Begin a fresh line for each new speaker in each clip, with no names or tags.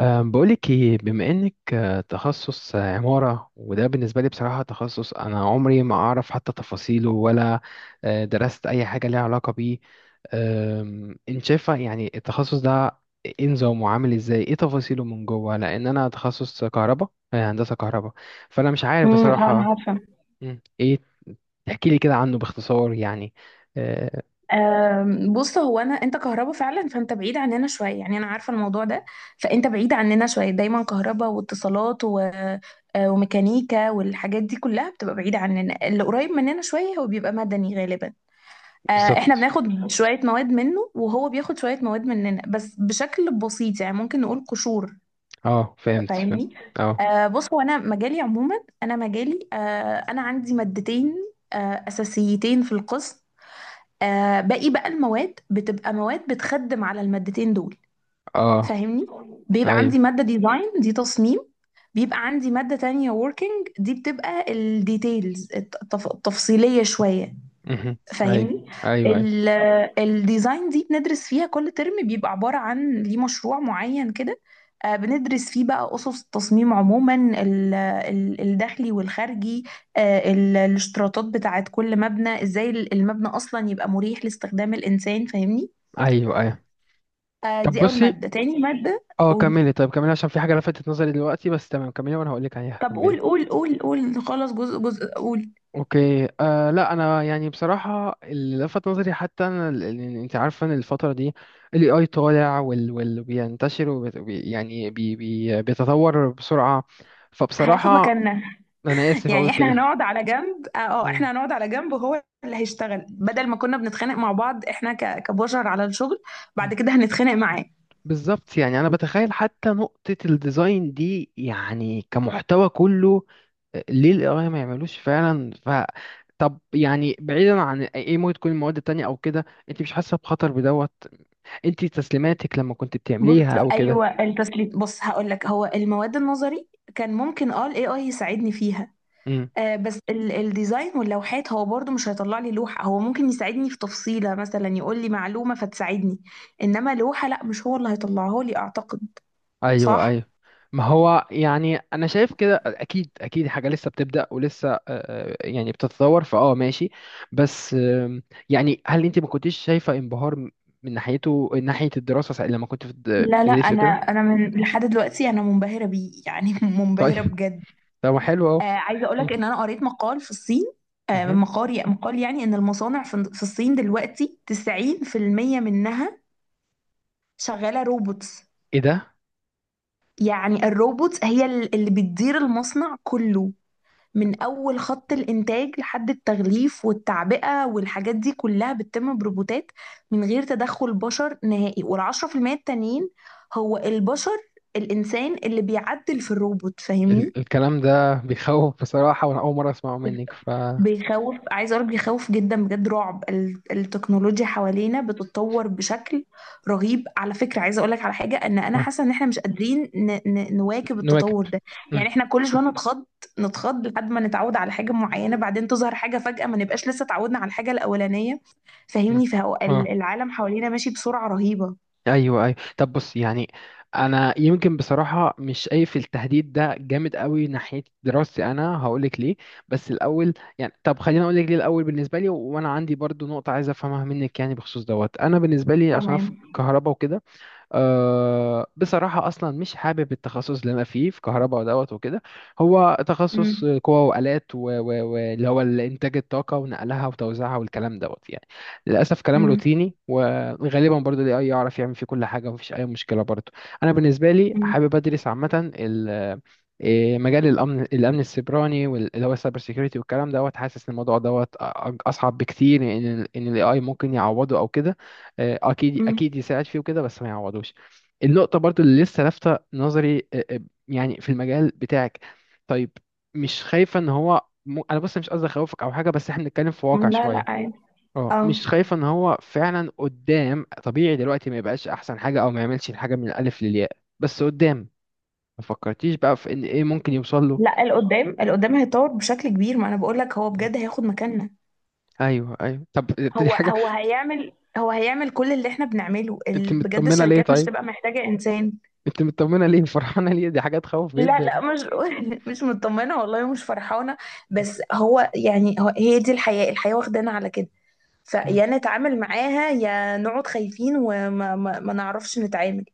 بقولك ايه، بما انك تخصص عمارة، وده بالنسبة لي بصراحة تخصص انا عمري ما اعرف حتى تفاصيله ولا درست اي حاجة ليها علاقة بيه. انت شايفة يعني التخصص ده ايه نظامه، عامل ازاي، ايه تفاصيله من جوه، لان انا تخصص كهرباء، هندسة كهرباء، فانا مش عارف
اه انا
بصراحة.
عارفه.
ايه، تحكي لي كده عنه باختصار يعني. أه،
بص هو انت كهربا فعلا، فانت بعيد عننا شويه. يعني انا عارفه الموضوع ده، فانت بعيد عننا شويه، دايما كهربا واتصالات و... آه، وميكانيكا والحاجات دي كلها بتبقى بعيده عننا. اللي قريب مننا شويه هو بيبقى مدني غالبا. احنا
بالظبط.
بناخد شويه مواد منه وهو بياخد شويه مواد مننا، بس بشكل بسيط، يعني ممكن نقول قشور.
اه فهمت فهمت.
فاهمني؟
اه.
بص، هو انا مجالي عموما، انا مجالي، انا عندي مادتين آه، اساسيتين في القسم. باقي بقى المواد بتبقى مواد بتخدم على المادتين دول،
اه.
فاهمني؟ بيبقى
ايوه.
عندي مادة ديزاين، دي تصميم. بيبقى عندي مادة تانية working، دي بتبقى الديتيلز التفصيلية شوية،
مهم. ايوه.
فاهمني؟
ايوه ايوه.
ال- الديزاين دي بندرس فيها كل ترم، بيبقى عبارة عن ليه مشروع معين كده. بندرس فيه بقى أسس التصميم عموما، الداخلي والخارجي. الاشتراطات بتاعت كل مبنى، ازاي المبنى أصلا يبقى مريح لاستخدام الإنسان، فاهمني؟
ايوه ايوه طب
دي أول
بصي،
مادة. تاني مادة
اه
قول.
كملي، طيب كملي، عشان في حاجه لفتت نظري دلوقتي، بس تمام كملي وانا هقول لك عليها،
طب قول
كملي.
قول قول قول خلاص، جزء قول.
اوكي. لا انا يعني بصراحه اللي لفت نظري حتى انا يعني انت عارفه ان الفتره دي الاي اي طالع، وال بينتشر وبت- وبي يعني بي بي بيتطور بسرعه،
هياخد
فبصراحه
مكاننا.
انا اسف اقول
يعني احنا
كده.
هنقعد على جنب. اه،
مم.
احنا هنقعد على جنب وهو اللي هيشتغل، بدل ما كنا بنتخانق مع بعض احنا كبشر على الشغل،
مم.
بعد كده هنتخانق معاه.
بالظبط، يعني انا بتخيل حتى نقطه الديزاين دي يعني كمحتوى كله ليه القراية ما يعملوش فعلا ف، طب يعني بعيدا عن ايه، إيه ممكن تكون المواد التانية او كده، انت مش حاسة بخطر بدوت، انت تسليماتك لما كنت
بص،
بتعمليها او كده؟
ايوه، التسليم، بص هقول لك، هو المواد النظري كان ممكن اه الاي اي يساعدني فيها.
امم.
آه، بس الديزاين واللوحات، هو برضو مش هيطلع لي لوحة. هو ممكن يساعدني في تفصيلة، مثلا يقول لي معلومة فتساعدني، انما لوحة لا، مش هو اللي هيطلعها لي اعتقد.
ايوه ايوه.
صح؟
ما هو يعني انا شايف كده، اكيد اكيد حاجة لسه بتبدأ ولسه يعني بتتطور، ماشي. بس يعني هل انت ما كنتيش شايفة انبهار من ناحيته، من ناحية الدراسة لما كنت في
لا لا،
بتدرسي
انا
وكده؟
انا من لحد دلوقتي انا منبهرة بيه، يعني منبهرة
طيب.
بجد.
طب ما حلو اهو.
عايزه اقول لك
مم.
ان انا قريت مقال في الصين. آه،
مهم.
مقال مقال يعني ان المصانع في الصين دلوقتي 90% منها شغاله روبوتس.
ايه ده؟
يعني الروبوتس هي اللي بتدير المصنع كله، من اول خط الانتاج لحد التغليف والتعبئه، والحاجات دي كلها بتتم بروبوتات من غير تدخل بشر نهائي. والعشرة في المية التانيين هو البشر، الانسان اللي بيعدل في الروبوت، فاهمني؟
الكلام ده بيخوف بصراحة، وأنا أول مرة أسمعه منك ف
بيخوف، عايزه اقول بيخوف جدا، بجد رعب. التكنولوجيا حوالينا بتتطور بشكل رهيب على فكره. عايزه اقول لك على حاجه، ان انا حاسه ان احنا مش قادرين نواكب
نواكب.
التطور ده.
مم،
يعني احنا كل شويه نتخض لحد ما نتعود على حاجه معينه، بعدين تظهر حاجه فجاه ما نبقاش لسه اتعودنا على الحاجه الاولانيه، فاهمني؟
مم.
فهو
اه.
العالم حوالينا ماشي بسرعه رهيبه.
أيوه أيوه طب، بص يعني أنا يمكن بصراحة مش شايف التهديد ده جامد قوي ناحية دراستي، أنا هقولك ليه، بس الأول يعني طب خليني أقولك ليه الأول بالنسبة لي، و- وأنا عندي برضو نقطة عايز أفهمها منك يعني بخصوص دوت. أنا بالنسبة لي عشان أنا في
تمام.
كهرباء وكده، بصراحة أصلا مش حابب التخصص اللي أنا فيه في كهرباء ودوت وكده. هو تخصص
امم.
قوى وآلات واللي هو إنتاج الطاقة ونقلها وتوزيعها والكلام دوت يعني، للأسف كلام
امم.
روتيني وغالبا برضو ال AI يعرف يعمل فيه كل حاجة ومفيش أي مشكلة برضو. أنا بالنسبة لي حابب أدرس عامة إيه، مجال الأمن، الأمن السيبراني واللي هو السايبر سيكيورتي والكلام دوت. حاسس إن الموضوع دوت أصعب بكتير، إن ال AI ممكن يعوضه أو كده. اكيد
مم.
اكيد يساعد فيه وكده بس ما يعوضوش. النقطه برضو اللي لسه لافته نظري يعني في المجال بتاعك، طيب، مش خايفه ان هو انا بص مش قصدي اخوفك او حاجه، بس احنا بنتكلم في واقع
لا لا،
شويه،
عادي.
اه
اه.
مش خايفه ان هو فعلا قدام طبيعي دلوقتي ما يبقاش احسن حاجه او ما يعملش الحاجه من الالف للياء، بس قدام ما فكرتيش بقى في ان ايه ممكن يوصل له؟
لا، القدام، القدام هيتطور بشكل كبير. ما انا بقول لك، هو
مم.
بجد هياخد مكاننا.
ايوه ايوه طب، دي
هو
حاجه،
هو هيعمل هو هيعمل كل اللي احنا بنعمله،
انت
بجد
مطمنه ليه
الشركات مش
طيب؟
تبقى محتاجة انسان.
انت مطمنه ليه فرحانه ليه؟ دي حاجه تخوف
لا
جدا.
لا، مش مش مطمنة والله، مش فرحانة. بس هو يعني، هو هي دي الحياة، الحياة واخدانا على كده،
مم.
فيا نتعامل معاها يا نقعد خايفين وما ما نعرفش نتعامل،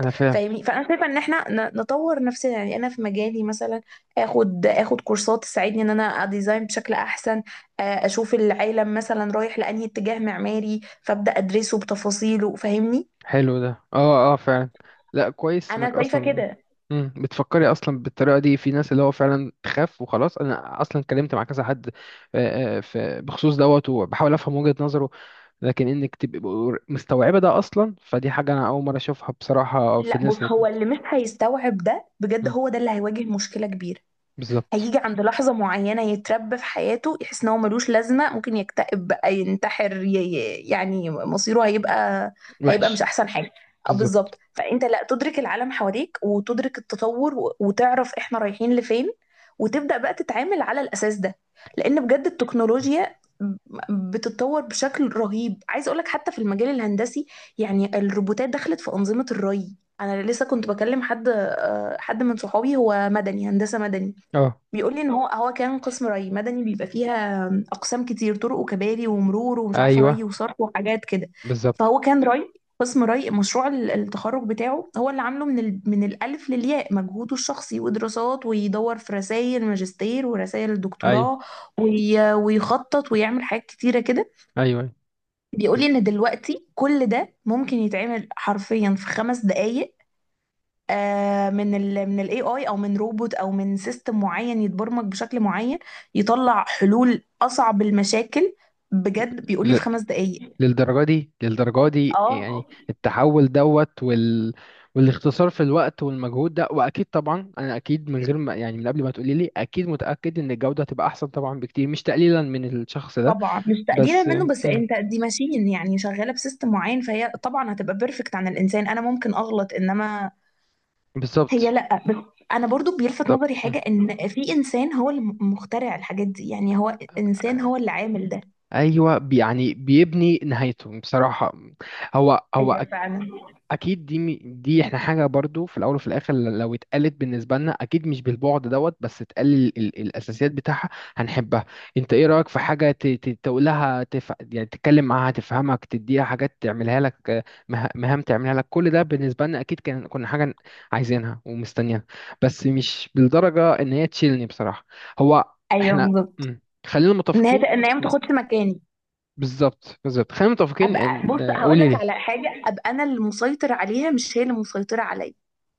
انا فاهم.
فاهمني؟ فانا شايفه ان احنا نطور نفسنا، يعني انا في مجالي مثلا اخد كورسات تساعدني ان انا اديزاين بشكل احسن. اشوف العالم مثلا رايح لانهي اتجاه معماري فابدا ادرسه بتفاصيله، فاهمني؟
حلو ده، اه اه فعلا، لا كويس انك
انا شايفه
اصلا.
كده.
مم. بتفكري اصلا بالطريقه دي، في ناس اللي هو فعلا تخاف وخلاص، انا اصلا اتكلمت مع كذا حد في بخصوص دوت وبحاول افهم وجهه نظره، لكن انك تبقي مستوعبه ده اصلا فدي حاجه انا اول مره اشوفها بصراحه في
لا، بص،
الناس
هو اللي مش هيستوعب ده بجد،
مم.
هو ده اللي هيواجه مشكله كبيره.
بالظبط.
هيجي عند لحظة معينة يتربى في حياته يحس ان هو ملوش لازمة، ممكن يكتئب بقى، ينتحر، يعني مصيره هيبقى، هيبقى مش
وحش.
احسن حاجة. اه
بالظبط.
بالظبط، فانت لا تدرك العالم حواليك وتدرك التطور، وتعرف احنا رايحين لفين، وتبدأ بقى تتعامل على الاساس ده. لان بجد التكنولوجيا بتتطور بشكل رهيب. عايزه اقول لك، حتى في المجال الهندسي يعني الروبوتات دخلت في انظمه الري. انا لسه كنت بكلم حد، حد من صحابي، هو مدني، هندسه مدني،
اه
بيقول لي ان هو كان قسم ري. مدني بيبقى فيها اقسام كتير: طرق وكباري ومرور ومش عارفه ري
ايوه
وصرف وحاجات كده.
بالظبط.
فهو كان ري، قسم ري. مشروع التخرج بتاعه، هو اللي عامله من الالف للياء، مجهوده الشخصي، ودراسات، ويدور في رسائل ماجستير ورسائل
ايوه
دكتوراه، ويخطط ويعمل حاجات كتيره كده.
ايوه. أيوه.
بيقول لي ان دلوقتي كل ده ممكن يتعمل حرفيا في 5 دقائق. من الاي اي او من روبوت او من سيستم معين يتبرمج بشكل معين يطلع حلول اصعب المشاكل. بجد بيقول لي
ل-
في 5 دقائق.
للدرجة دي، للدرجة دي
اه
يعني التحول دوت وال...، والاختصار في الوقت والمجهود ده، وأكيد طبعا أنا أكيد من غير ما يعني من قبل ما تقولي لي، أكيد متأكد إن الجودة هتبقى أحسن طبعا بكتير، مش تقليلا من الشخص ده،
طبعا مش تقليلا
بس.
منه، بس
مم.
انت دي ماشين يعني شغاله بسيستم معين، فهي طبعا هتبقى بيرفكت عن الانسان. انا ممكن اغلط، انما هي
بالظبط.
لا. بس انا برضو بيلفت
طب.
نظري
مم.
حاجه، ان في انسان هو اللي مخترع الحاجات دي. يعني هو انسان هو اللي عامل ده.
ايوه، يعني بيبني نهايته بصراحه، هو
ايوه
هو.
فعلا.
اكيد دي دي احنا حاجه برضو في الاول وفي الاخر، لو اتقالت بالنسبه لنا اكيد مش بالبعد دوت، بس اتقال الاساسيات بتاعها هنحبها. انت ايه رايك في حاجه تقولها يعني تتكلم معاها تفهمك، تديها حاجات تعملها لك، مهام تعملها لك، كل ده بالنسبه لنا اكيد كان كنا حاجه عايزينها ومستنيينها، بس مش بالدرجه ان هي تشيلني بصراحه، هو
ايوه
احنا.
بالظبط،
مم. خلينا
ان هي
متفقين.
ان هي ما
مم.
تاخدش مكاني.
بالظبط بالظبط، خلينا متفقين
ابقى
ان،
بص هقول
قولي
لك
ليه.
على حاجه، ابقى انا اللي مسيطر عليها، مش هي اللي مسيطره عليا.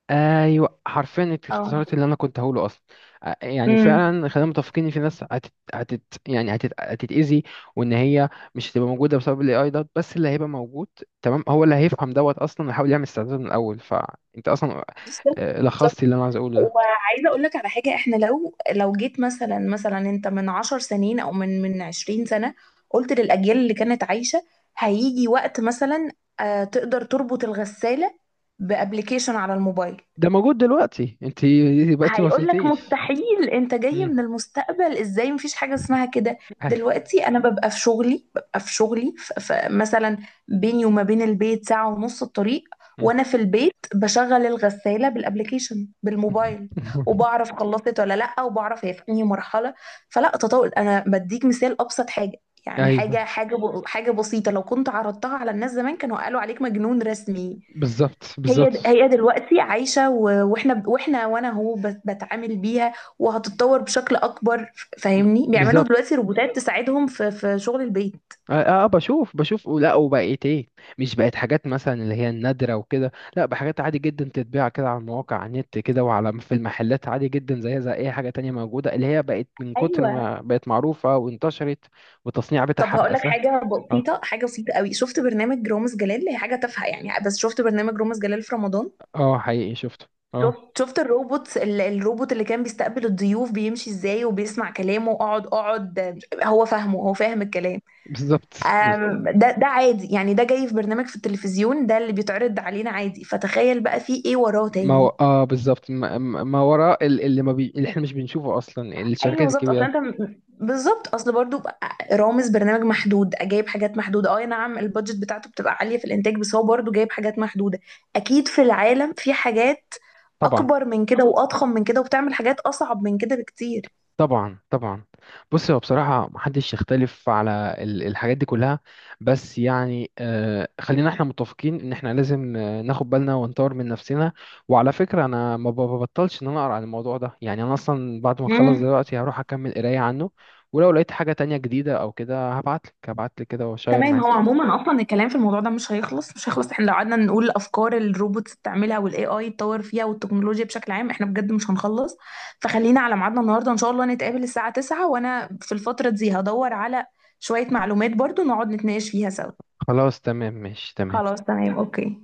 ايوه حرفيا انت
اه.
اختصرت اللي انا كنت هقوله اصلا. يعني
امم.
فعلا خلينا متفقين ان في ناس هتت...، هتت...، يعني هتت...، هتتاذي، وان هي مش هتبقى موجوده بسبب الاي اي دوت، بس اللي هيبقى موجود تمام هو اللي هيفهم دوت اصلا ويحاول يعمل استعداد من الاول، فانت اصلا
بالظبط بالظبط.
لخصتي اللي انا عايز اقوله ده.
وعايزه اقول لك على حاجه، احنا لو جيت مثلا انت من 10 سنين او من 20 سنه قلت للاجيال اللي كانت عايشه هيجي وقت مثلا، تقدر تربط الغساله بابلكيشن على الموبايل،
ده موجود دلوقتي، انت يبقى انت ما
هيقول لك
وصلتيش.
مستحيل، انت جاي
امم.
من المستقبل ازاي، مفيش حاجه اسمها كده.
ايوه.
دلوقتي انا ببقى في شغلي، مثلا بيني وما بين البيت ساعه ونص الطريق،
مم.
وانا في البيت بشغل الغساله بالابلكيشن بالموبايل، وبعرف خلصت ولا لا، وبعرف هي في انهي مرحله. فلا تطور، انا بديك مثال ابسط حاجه، يعني
ايوه
حاجه بسيطه، لو كنت عرضتها على الناس زمان كانوا قالوا عليك مجنون رسمي.
بالظبط
هي
بالظبط،
هي دلوقتي عايشة، واحنا وانا هو بتعامل بيها، وهتتطور بشكل اكبر،
ب-
فاهمني؟ بيعملوا
بالظبط.
دلوقتي روبوتات تساعدهم في شغل البيت.
اه بشوف بشوف، لا وبقيت ايه، مش بقت حاجات مثلا اللي هي النادرة وكده، لا، بحاجات عادي جدا تتباع كده على المواقع، على النت كده، وعلى في المحلات عادي جدا زيها زي اي حاجة تانية موجودة، اللي هي بقت من كتر
ايوه.
ما بقت معروفة وانتشرت، والتصنيع
طب
بتاعها
هقول
بقى
لك
سهل.
حاجه
اه.
بسيطه، حاجه بسيطه قوي. شفت برنامج رامز جلال، هي حاجه تافهه يعني، بس شفت برنامج رامز جلال في رمضان؟
اه حقيقي شفته. اه.
شفت الروبوت، الروبوت اللي كان بيستقبل الضيوف بيمشي ازاي وبيسمع كلامه، اقعد اقعد، هو فاهمه، هو فاهم الكلام.
بالظبط،
ده عادي يعني، ده جاي في برنامج في التلفزيون، ده اللي بيتعرض علينا عادي، فتخيل بقى فيه ايه وراه
ما هو
تاني.
اه بالظبط، ما وراء اللي ما بي... اللي احنا مش بنشوفه اصلا
ايوه
الشركات
بالظبط، اصلا
الكبيرة.
انت بالظبط. اصل برضو بقى رامز برنامج محدود، جايب حاجات محدوده، اه نعم البادجت بتاعته بتبقى عاليه في الانتاج، بس هو برضو جايب حاجات محدوده. اكيد في العالم في حاجات
طبعا.
اكبر من كده واضخم من كده وبتعمل حاجات اصعب من كده بكتير.
طبعا طبعا. بص هو بصراحة محدش يختلف على الحاجات دي كلها، بس يعني آه خلينا احنا متفقين ان احنا لازم ناخد بالنا ونطور من نفسنا، وعلى فكرة انا ما ببطلش ان انا اقرا عن الموضوع ده، يعني انا اصلا بعد ما اخلص
مم.
دلوقتي هروح اكمل قراية عنه، ولو لقيت حاجة تانية جديدة او كده هبعتلك، هبعتلك كده واشير
تمام، هو
معاك.
عموما اصلا الكلام في الموضوع ده مش هيخلص، مش هيخلص. احنا لو قعدنا نقول افكار الروبوتس بتعملها، والاي اي يتطور فيها، والتكنولوجيا بشكل عام، احنا بجد مش هنخلص. فخلينا على ميعادنا النهارده ان شاء الله، نتقابل الساعة 9، وانا في الفترة دي هدور على شوية معلومات برضو نقعد نتناقش فيها سوا.
خلاص تمام ماشي تمام.
خلاص تمام اوكي.